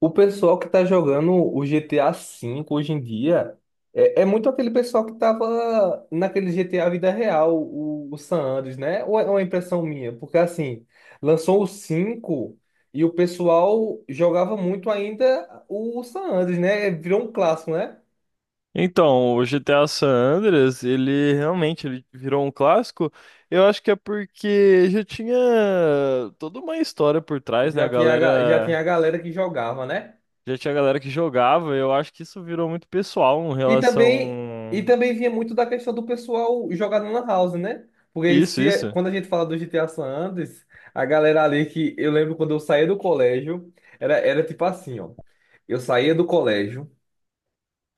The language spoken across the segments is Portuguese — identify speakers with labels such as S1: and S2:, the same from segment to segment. S1: O pessoal que tá jogando o GTA V hoje em dia é muito aquele pessoal que tava naquele GTA vida real, o San Andreas, né? Ou é uma impressão minha? Porque assim, lançou o 5 e o pessoal jogava muito ainda o San Andreas, né? Virou um clássico, né?
S2: Então, o GTA San Andreas, ele realmente ele virou um clássico. Eu acho que é porque já tinha toda uma história por trás, né?
S1: Já tinha a galera que jogava, né?
S2: Já tinha galera que jogava. Eu acho que isso virou muito pessoal em
S1: E também, e
S2: relação
S1: também vinha muito da questão do pessoal jogar na Lan House, né? Porque
S2: isso,
S1: se, é-
S2: isso.
S1: Quando a gente fala do GTA San Andreas, a galera ali que eu lembro quando eu saía do colégio, era tipo assim, ó. Eu saía do colégio,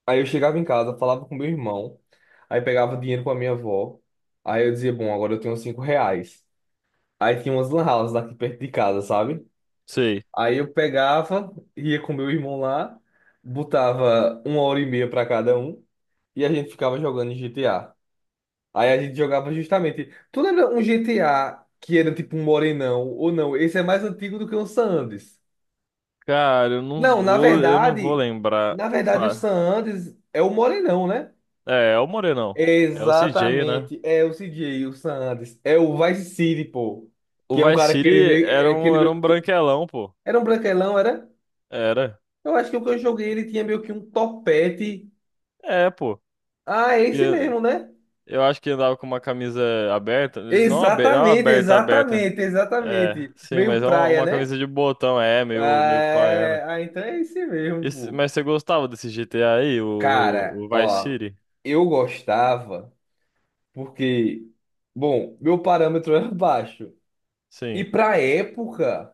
S1: aí eu chegava em casa, falava com meu irmão, aí pegava dinheiro com a minha avó, aí eu dizia, bom, agora eu tenho R$ 5. Aí tinha umas Lan Houses aqui perto de casa, sabe?
S2: Sei.
S1: Aí eu pegava, ia com meu irmão lá, botava uma hora e meia pra cada um e a gente ficava jogando em GTA. Aí a gente jogava justamente. Tu lembra um GTA que era tipo um morenão ou não? Esse é mais antigo do que o San Andreas.
S2: Cara,
S1: Não, na
S2: eu não vou
S1: verdade,
S2: lembrar.
S1: Na verdade o San
S2: Fa-
S1: Andreas é o morenão, né?
S2: É, é o Morenão. É o CJ, né?
S1: Exatamente, é o CJ, o San Andreas, é o Vice City, pô,
S2: O
S1: que é um
S2: Vice
S1: cara que ele
S2: City
S1: meio, é aquele
S2: era
S1: meio,
S2: um branquelão, pô.
S1: era um branquelão, era?
S2: Era.
S1: Eu acho que o que eu joguei ele tinha meio que um topete.
S2: É, pô.
S1: Ah, é esse mesmo, né?
S2: Eu acho que andava com uma camisa aberta. Não aberta, não
S1: Exatamente,
S2: aberta, aberta.
S1: exatamente,
S2: É,
S1: exatamente.
S2: sim,
S1: Meio
S2: mas é
S1: praia,
S2: uma
S1: né?
S2: camisa de botão, é, meio praiana.
S1: Ah, ah, então é esse mesmo, pô.
S2: Mas você gostava desse GTA aí,
S1: Cara,
S2: o Vice
S1: ó,
S2: City?
S1: eu gostava porque, bom, meu parâmetro era baixo. E
S2: Sim.
S1: pra época,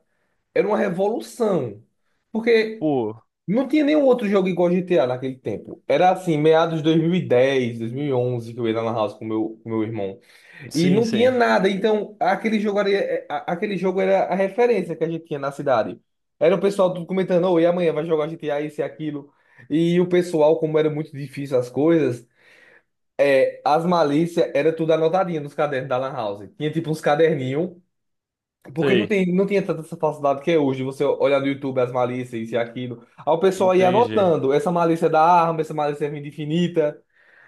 S1: era uma revolução. Porque
S2: Pô,
S1: não tinha nenhum outro jogo igual GTA naquele tempo. Era assim, meados de 2010, 2011, que eu ia lá na house com meu irmão. E
S2: sim,
S1: não tinha
S2: sim.
S1: nada, então aquele jogo era, aquele jogo era a referência que a gente tinha na cidade. Era o pessoal tudo comentando, oh, e amanhã vai jogar G T a isso e aquilo. E o pessoal, como era muito difícil as coisas, é, as malícias era tudo anotadinho nos cadernos da Lan House. Tinha tipo uns caderninhos, porque não
S2: Sei,
S1: tem, não tinha tanta essa facilidade que é hoje, você olhar no YouTube as malícias, isso e aquilo. Aí o pessoal ia
S2: entendi.
S1: anotando, essa malícia é da arma, essa malícia é vida infinita.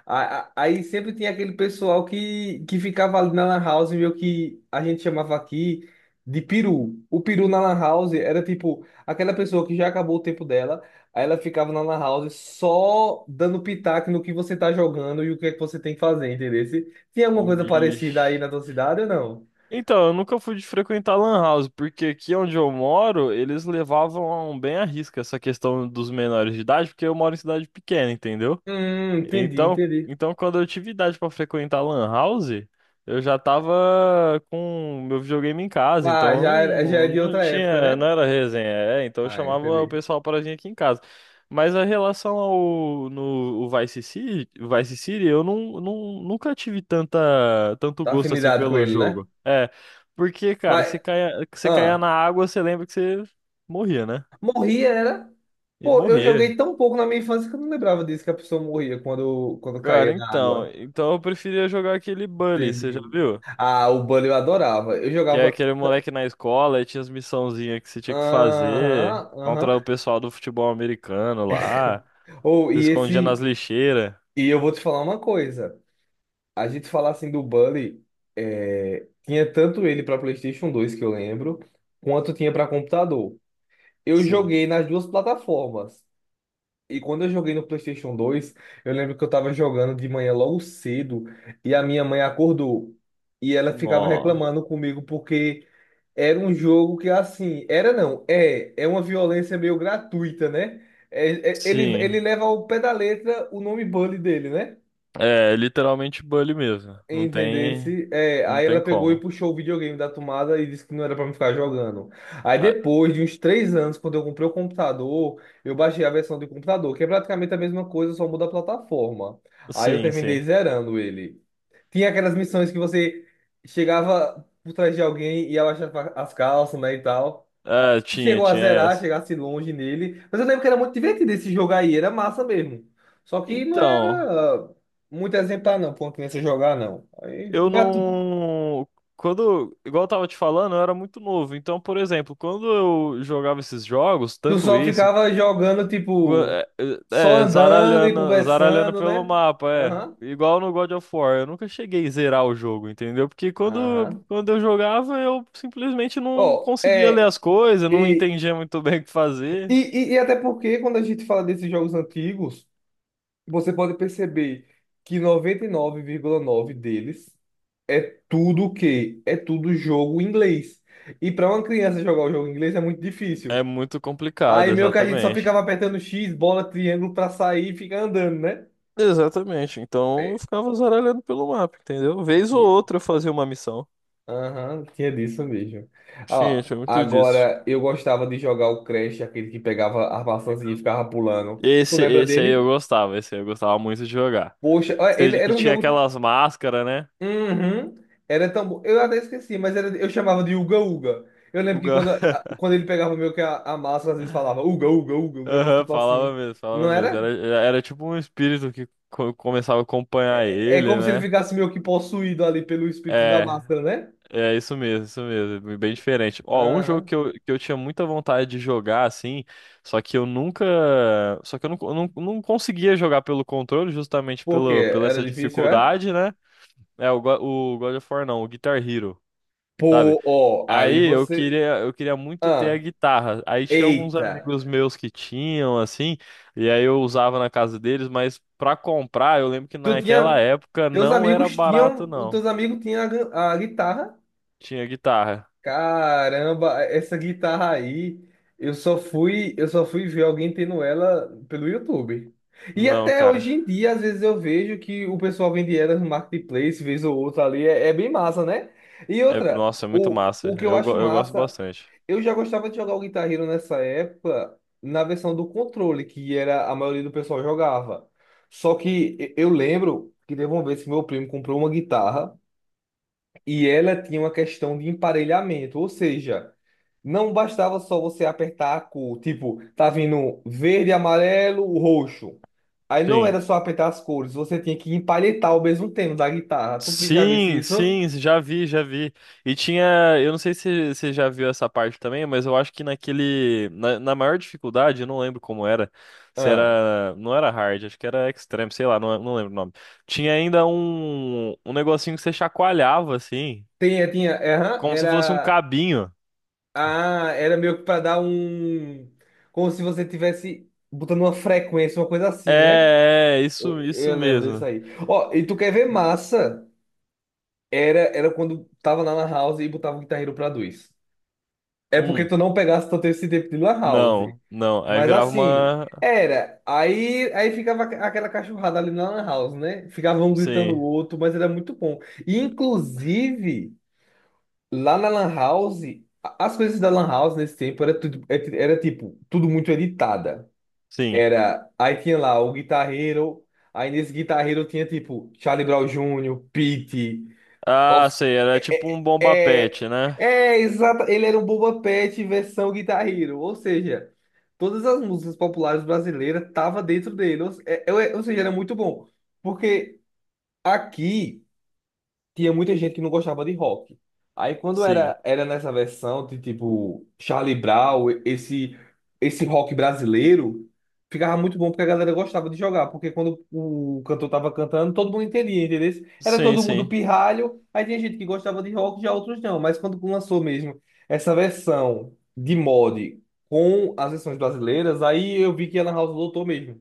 S1: Aí sempre tinha aquele pessoal que ficava ali na Lan House, meio que a gente chamava aqui de peru. O peru na Lan House era tipo aquela pessoa que já acabou o tempo dela, aí ela ficava na Lan House só dando pitaco no que você tá jogando e o que é que você tem que fazer, entendeu? Tinha alguma coisa parecida aí
S2: Vixe.
S1: na tua cidade ou não?
S2: Então, eu nunca fui de frequentar Lan House, porque aqui onde eu moro, eles levavam bem à risca essa questão dos menores de idade, porque eu moro em cidade pequena, entendeu?
S1: Entendi,
S2: Então,
S1: entendi.
S2: então quando eu tive idade pra frequentar Lan House, eu já tava com meu videogame em casa,
S1: Ah,
S2: então eu
S1: já, já é de
S2: não
S1: outra época,
S2: tinha,
S1: né?
S2: não era resenha, é, então eu
S1: Ah,
S2: chamava o
S1: entendi.
S2: pessoal para vir aqui em casa. Mas a relação ao no o Vice City, Vice City, eu não, nunca tive tanta, tanto
S1: Tá,
S2: gosto assim
S1: afinidade com
S2: pelo
S1: ele, né?
S2: jogo. É, porque, cara,
S1: Mas,
S2: você caia na
S1: ah.
S2: água, você lembra que você morria, né?
S1: Morria, era.
S2: E
S1: Pô, eu
S2: morria.
S1: joguei tão pouco na minha infância que eu não lembrava disso, que a pessoa morria quando caía
S2: Cara,
S1: na
S2: então,
S1: água.
S2: então eu preferia jogar aquele Bully, você já
S1: Entendi.
S2: viu?
S1: Ah, o Bully eu adorava. Eu
S2: Que é
S1: jogava.
S2: aquele moleque na escola e tinha as missãozinhas que você tinha que fazer
S1: Aham,
S2: contra o
S1: aham.
S2: pessoal do futebol americano lá.
S1: Ou,
S2: Se
S1: e
S2: escondia nas
S1: esse.
S2: lixeiras.
S1: E eu vou te falar uma coisa. A gente falar assim do Bully, é, tinha tanto ele pra PlayStation 2 que eu lembro, quanto tinha pra computador. Eu
S2: Sim.
S1: joguei nas duas plataformas. E quando eu joguei no PlayStation 2, eu lembro que eu tava jogando de manhã logo cedo e a minha mãe acordou. E ela ficava
S2: Nó.
S1: reclamando comigo porque era um jogo que, assim, era não, é, é uma violência meio gratuita, né?
S2: Sim.
S1: Ele leva ao pé da letra o nome Bully dele, né?
S2: É, literalmente bully mesmo. Não tem.
S1: Entendesse? É,
S2: Não
S1: aí ela
S2: tem
S1: pegou e
S2: como.
S1: puxou o videogame da tomada e disse que não era pra me ficar jogando. Aí
S2: Ah,
S1: depois de uns 3 anos, quando eu comprei o computador, eu baixei a versão do computador, que é praticamente a mesma coisa, só muda a plataforma. Aí eu
S2: sim,
S1: terminei
S2: sim.
S1: zerando ele. Tinha aquelas missões que você chegava por trás de alguém e abaixava as calças, né, e tal.
S2: Ah, tinha,
S1: Chegou a
S2: tinha
S1: zerar,
S2: essa.
S1: chegasse longe nele. Mas eu lembro que era muito divertido esse jogo aí, era massa mesmo. Só que não
S2: Então,
S1: era ah, muito exemplar, não, pra uma criança jogar, não. Aí,
S2: eu
S1: né,
S2: não. Quando, igual eu tava te falando, eu era muito novo. Então, por exemplo, quando eu jogava esses jogos,
S1: tu
S2: tanto
S1: só
S2: esse
S1: ficava jogando, tipo,
S2: É,
S1: só
S2: é, é,
S1: andando e
S2: zaralhando, zaralhando
S1: conversando,
S2: pelo
S1: né?
S2: mapa, é.
S1: Aham,
S2: Igual no God of War, eu nunca cheguei a zerar o jogo, entendeu? Porque
S1: aham.
S2: quando eu jogava, eu simplesmente não
S1: Ó,
S2: conseguia ler
S1: é.
S2: as coisas, não
S1: E,
S2: entendia muito bem o que
S1: e,
S2: fazer.
S1: e até porque quando a gente fala desses jogos antigos, você pode perceber que 99,9 deles. Tudo o quê? É tudo jogo em inglês. E para uma criança jogar o jogo em inglês é muito
S2: É
S1: difícil.
S2: muito
S1: Aí
S2: complicado,
S1: meio que a gente só ficava
S2: exatamente.
S1: apertando X, bola, triângulo para sair e ficar andando, né?
S2: Exatamente, então eu
S1: É,
S2: ficava zaralhando pelo mapa, entendeu? Vez ou
S1: tinha.
S2: outra eu fazia uma missão.
S1: Aham, tinha disso mesmo.
S2: Tinha,
S1: Ó,
S2: tinha muito disso.
S1: agora eu gostava de jogar o Crash, aquele que pegava a maçãzinha e ficava pulando. Tu lembra
S2: Esse aí
S1: dele?
S2: eu gostava, esse aí eu gostava muito de jogar.
S1: Poxa, ó, ele
S2: Que
S1: era um
S2: tinha
S1: jogo.
S2: aquelas máscaras, né?
S1: Uhum. Era tão bom. Eu até esqueci, mas era, eu chamava de Uga Uga. Eu
S2: O,
S1: lembro que
S2: ga-
S1: quando ele pegava meio que a massa, às vezes falava Uga Uga Uga, um negócio
S2: Aham,
S1: tipo assim.
S2: falava mesmo,
S1: Não
S2: falava mesmo. Era,
S1: era?
S2: era tipo um espírito que começava a acompanhar
S1: É
S2: ele,
S1: como se ele
S2: né?
S1: ficasse meio que possuído ali pelo espírito da
S2: É,
S1: máscara, né?
S2: é isso mesmo, isso mesmo. Bem diferente. Ó, um jogo
S1: Aham.
S2: que eu tinha muita vontade de jogar, assim, só que eu nunca. Só que eu não conseguia jogar pelo controle, justamente
S1: Por quê?
S2: pela
S1: Era
S2: essa
S1: difícil, é?
S2: dificuldade, né? É, o God of War não, o Guitar Hero. Sabe?
S1: Pô, ó, aí
S2: Aí
S1: você.
S2: eu queria muito ter a
S1: Ah,
S2: guitarra. Aí tinha alguns
S1: eita.
S2: amigos meus que tinham, assim, e aí eu usava na casa deles, mas pra comprar, eu lembro que
S1: Tu
S2: naquela
S1: tinha.
S2: época
S1: Teus
S2: não era
S1: amigos
S2: barato,
S1: tinham. Os
S2: não.
S1: teus amigos tinham a, a guitarra.
S2: Tinha guitarra.
S1: Caramba, essa guitarra aí, eu só fui ver alguém tendo ela pelo YouTube. E
S2: Não,
S1: até
S2: cara.
S1: hoje em dia, às vezes eu vejo que o pessoal vende ela no marketplace, vez ou outra ali, é, é bem massa, né? E
S2: É,
S1: outra,
S2: nossa, é muito massa.
S1: o que eu acho
S2: Eu gosto
S1: massa,
S2: bastante.
S1: eu já gostava de jogar o Guitar Hero nessa época, na versão do controle, que era a maioria do pessoal jogava. Só que eu lembro que teve uma vez que meu primo comprou uma guitarra. E ela tinha uma questão de emparelhamento, ou seja, não bastava só você apertar a cor, tipo, tá vindo verde, amarelo, roxo. Aí não
S2: Sim.
S1: era só apertar as cores, você tinha que empalhetar ao mesmo tempo da guitarra. Tu já visse
S2: Sim,
S1: isso?
S2: sim, já vi, já vi. E tinha, eu não sei se você já viu essa parte também, mas eu acho que naquele, na maior dificuldade, eu não lembro como era, se
S1: Ah.
S2: era, não era hard, acho que era extreme, sei lá, não, não lembro o nome. Tinha ainda um negocinho que você chacoalhava assim,
S1: Tinha, tinha, é, aham,
S2: como se fosse um
S1: era,
S2: cabinho.
S1: ah, era meio que pra dar um, como se você tivesse botando uma frequência, uma coisa assim, né?
S2: Isso, isso
S1: Eu lembro disso
S2: mesmo.
S1: aí. Ó, e tu quer ver massa? Era quando tava na Lan House e botava o Guitar Hero pra dois. É porque
S2: Hum,
S1: tu não pegasse tanto esse tempo de Lan House.
S2: não, não, aí
S1: Mas
S2: virava
S1: assim,
S2: uma,
S1: era. Aí ficava aquela cachorrada ali na Lan House, né? Ficava um gritando o
S2: sim,
S1: outro, mas era muito bom. E inclusive, lá na Lan House, as coisas da Lan House nesse tempo era tudo, era tipo, tudo muito editada.
S2: sim.
S1: Era, aí tinha lá o Guitar Hero, aí nesse Guitar Hero tinha tipo Charlie Brown Jr., Pete.
S2: Ah, sei, era tipo
S1: É,
S2: um bomba pet,
S1: é
S2: né?
S1: É exato. Ele era um Boba Fett versão Guitar Hero. Ou seja, todas as músicas populares brasileiras estavam dentro dele. Ou, se- é- é- Ou seja, era muito bom. Porque aqui tinha muita gente que não gostava de rock. Aí quando
S2: Sim.
S1: era nessa versão de tipo Charlie Brown, esse rock brasileiro, ficava muito bom porque a galera gostava de jogar, porque quando o cantor tava cantando, todo mundo entendia, entendeu? Era
S2: Sim,
S1: todo mundo
S2: sim.
S1: pirralho, aí tinha gente que gostava de rock, já outros não, mas quando lançou mesmo essa versão de mod com as versões brasileiras, aí eu vi que a Lan House lotou mesmo.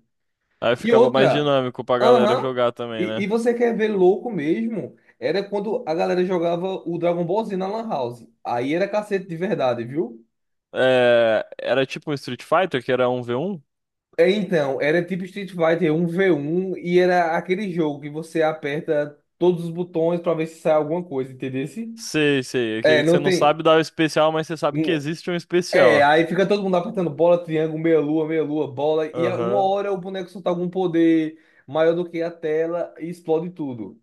S2: Aí
S1: E
S2: ficava mais
S1: outra,
S2: dinâmico pra galera
S1: aham,
S2: jogar também,
S1: E
S2: né?
S1: você quer ver louco mesmo? Era quando a galera jogava o Dragon Ball Z na Lan House. Aí era cacete de verdade, viu?
S2: É, era tipo um Street Fighter, que era um v um.
S1: É, então, era tipo Street Fighter 1v1 e era aquele jogo que você aperta todos os botões pra ver se sai alguma coisa, entendeu?
S2: Sei, sei.
S1: É,
S2: Aquele que você
S1: não
S2: não
S1: tem.
S2: sabe dar o especial, mas você sabe que
S1: Hum.
S2: existe um
S1: É,
S2: especial.
S1: aí fica todo mundo apertando bola, triângulo, meia lua, bola, uma
S2: Aham.
S1: hora o boneco solta algum poder maior do que a tela e explode tudo.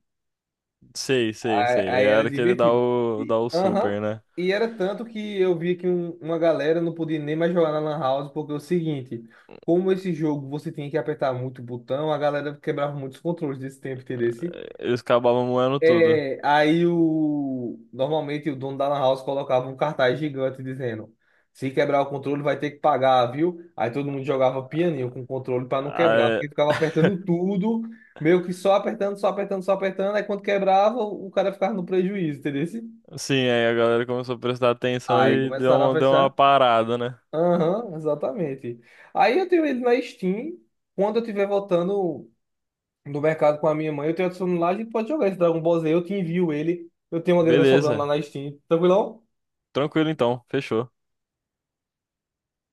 S2: Sei, sei, sei.
S1: Aí era
S2: Era que ele dá
S1: divertido.
S2: o,
S1: E,
S2: dá o
S1: aham,
S2: super, né?
S1: e era tanto que eu vi que uma galera não podia nem mais jogar na Lan House, porque é o seguinte, como esse jogo você tinha que apertar muito o botão, a galera quebrava muitos controles desse tempo, entendeu?
S2: Eles acabavam moendo tudo.
S1: É, aí o normalmente o dono da lan house colocava um cartaz gigante dizendo: se quebrar o controle vai ter que pagar, viu? Aí todo mundo jogava pianinho com o controle para não quebrar,
S2: Aí,
S1: porque ficava apertando tudo, meio que só apertando, só apertando, só apertando, aí quando quebrava, o cara ficava no prejuízo, entendeu?
S2: sim, aí a galera começou a prestar atenção
S1: Aí
S2: e
S1: começaram a
S2: deu uma
S1: pensar.
S2: parada, né?
S1: Aham, exatamente. Aí eu tenho ele na Steam. Quando eu estiver voltando do mercado com a minha mãe. Eu tenho adicionado lá, a gente pode jogar esse Dragon Ball Z, eu te envio ele. Eu tenho uma grana sobrando lá
S2: Beleza.
S1: na Steam. Tranquilão?
S2: Tranquilo então. Fechou.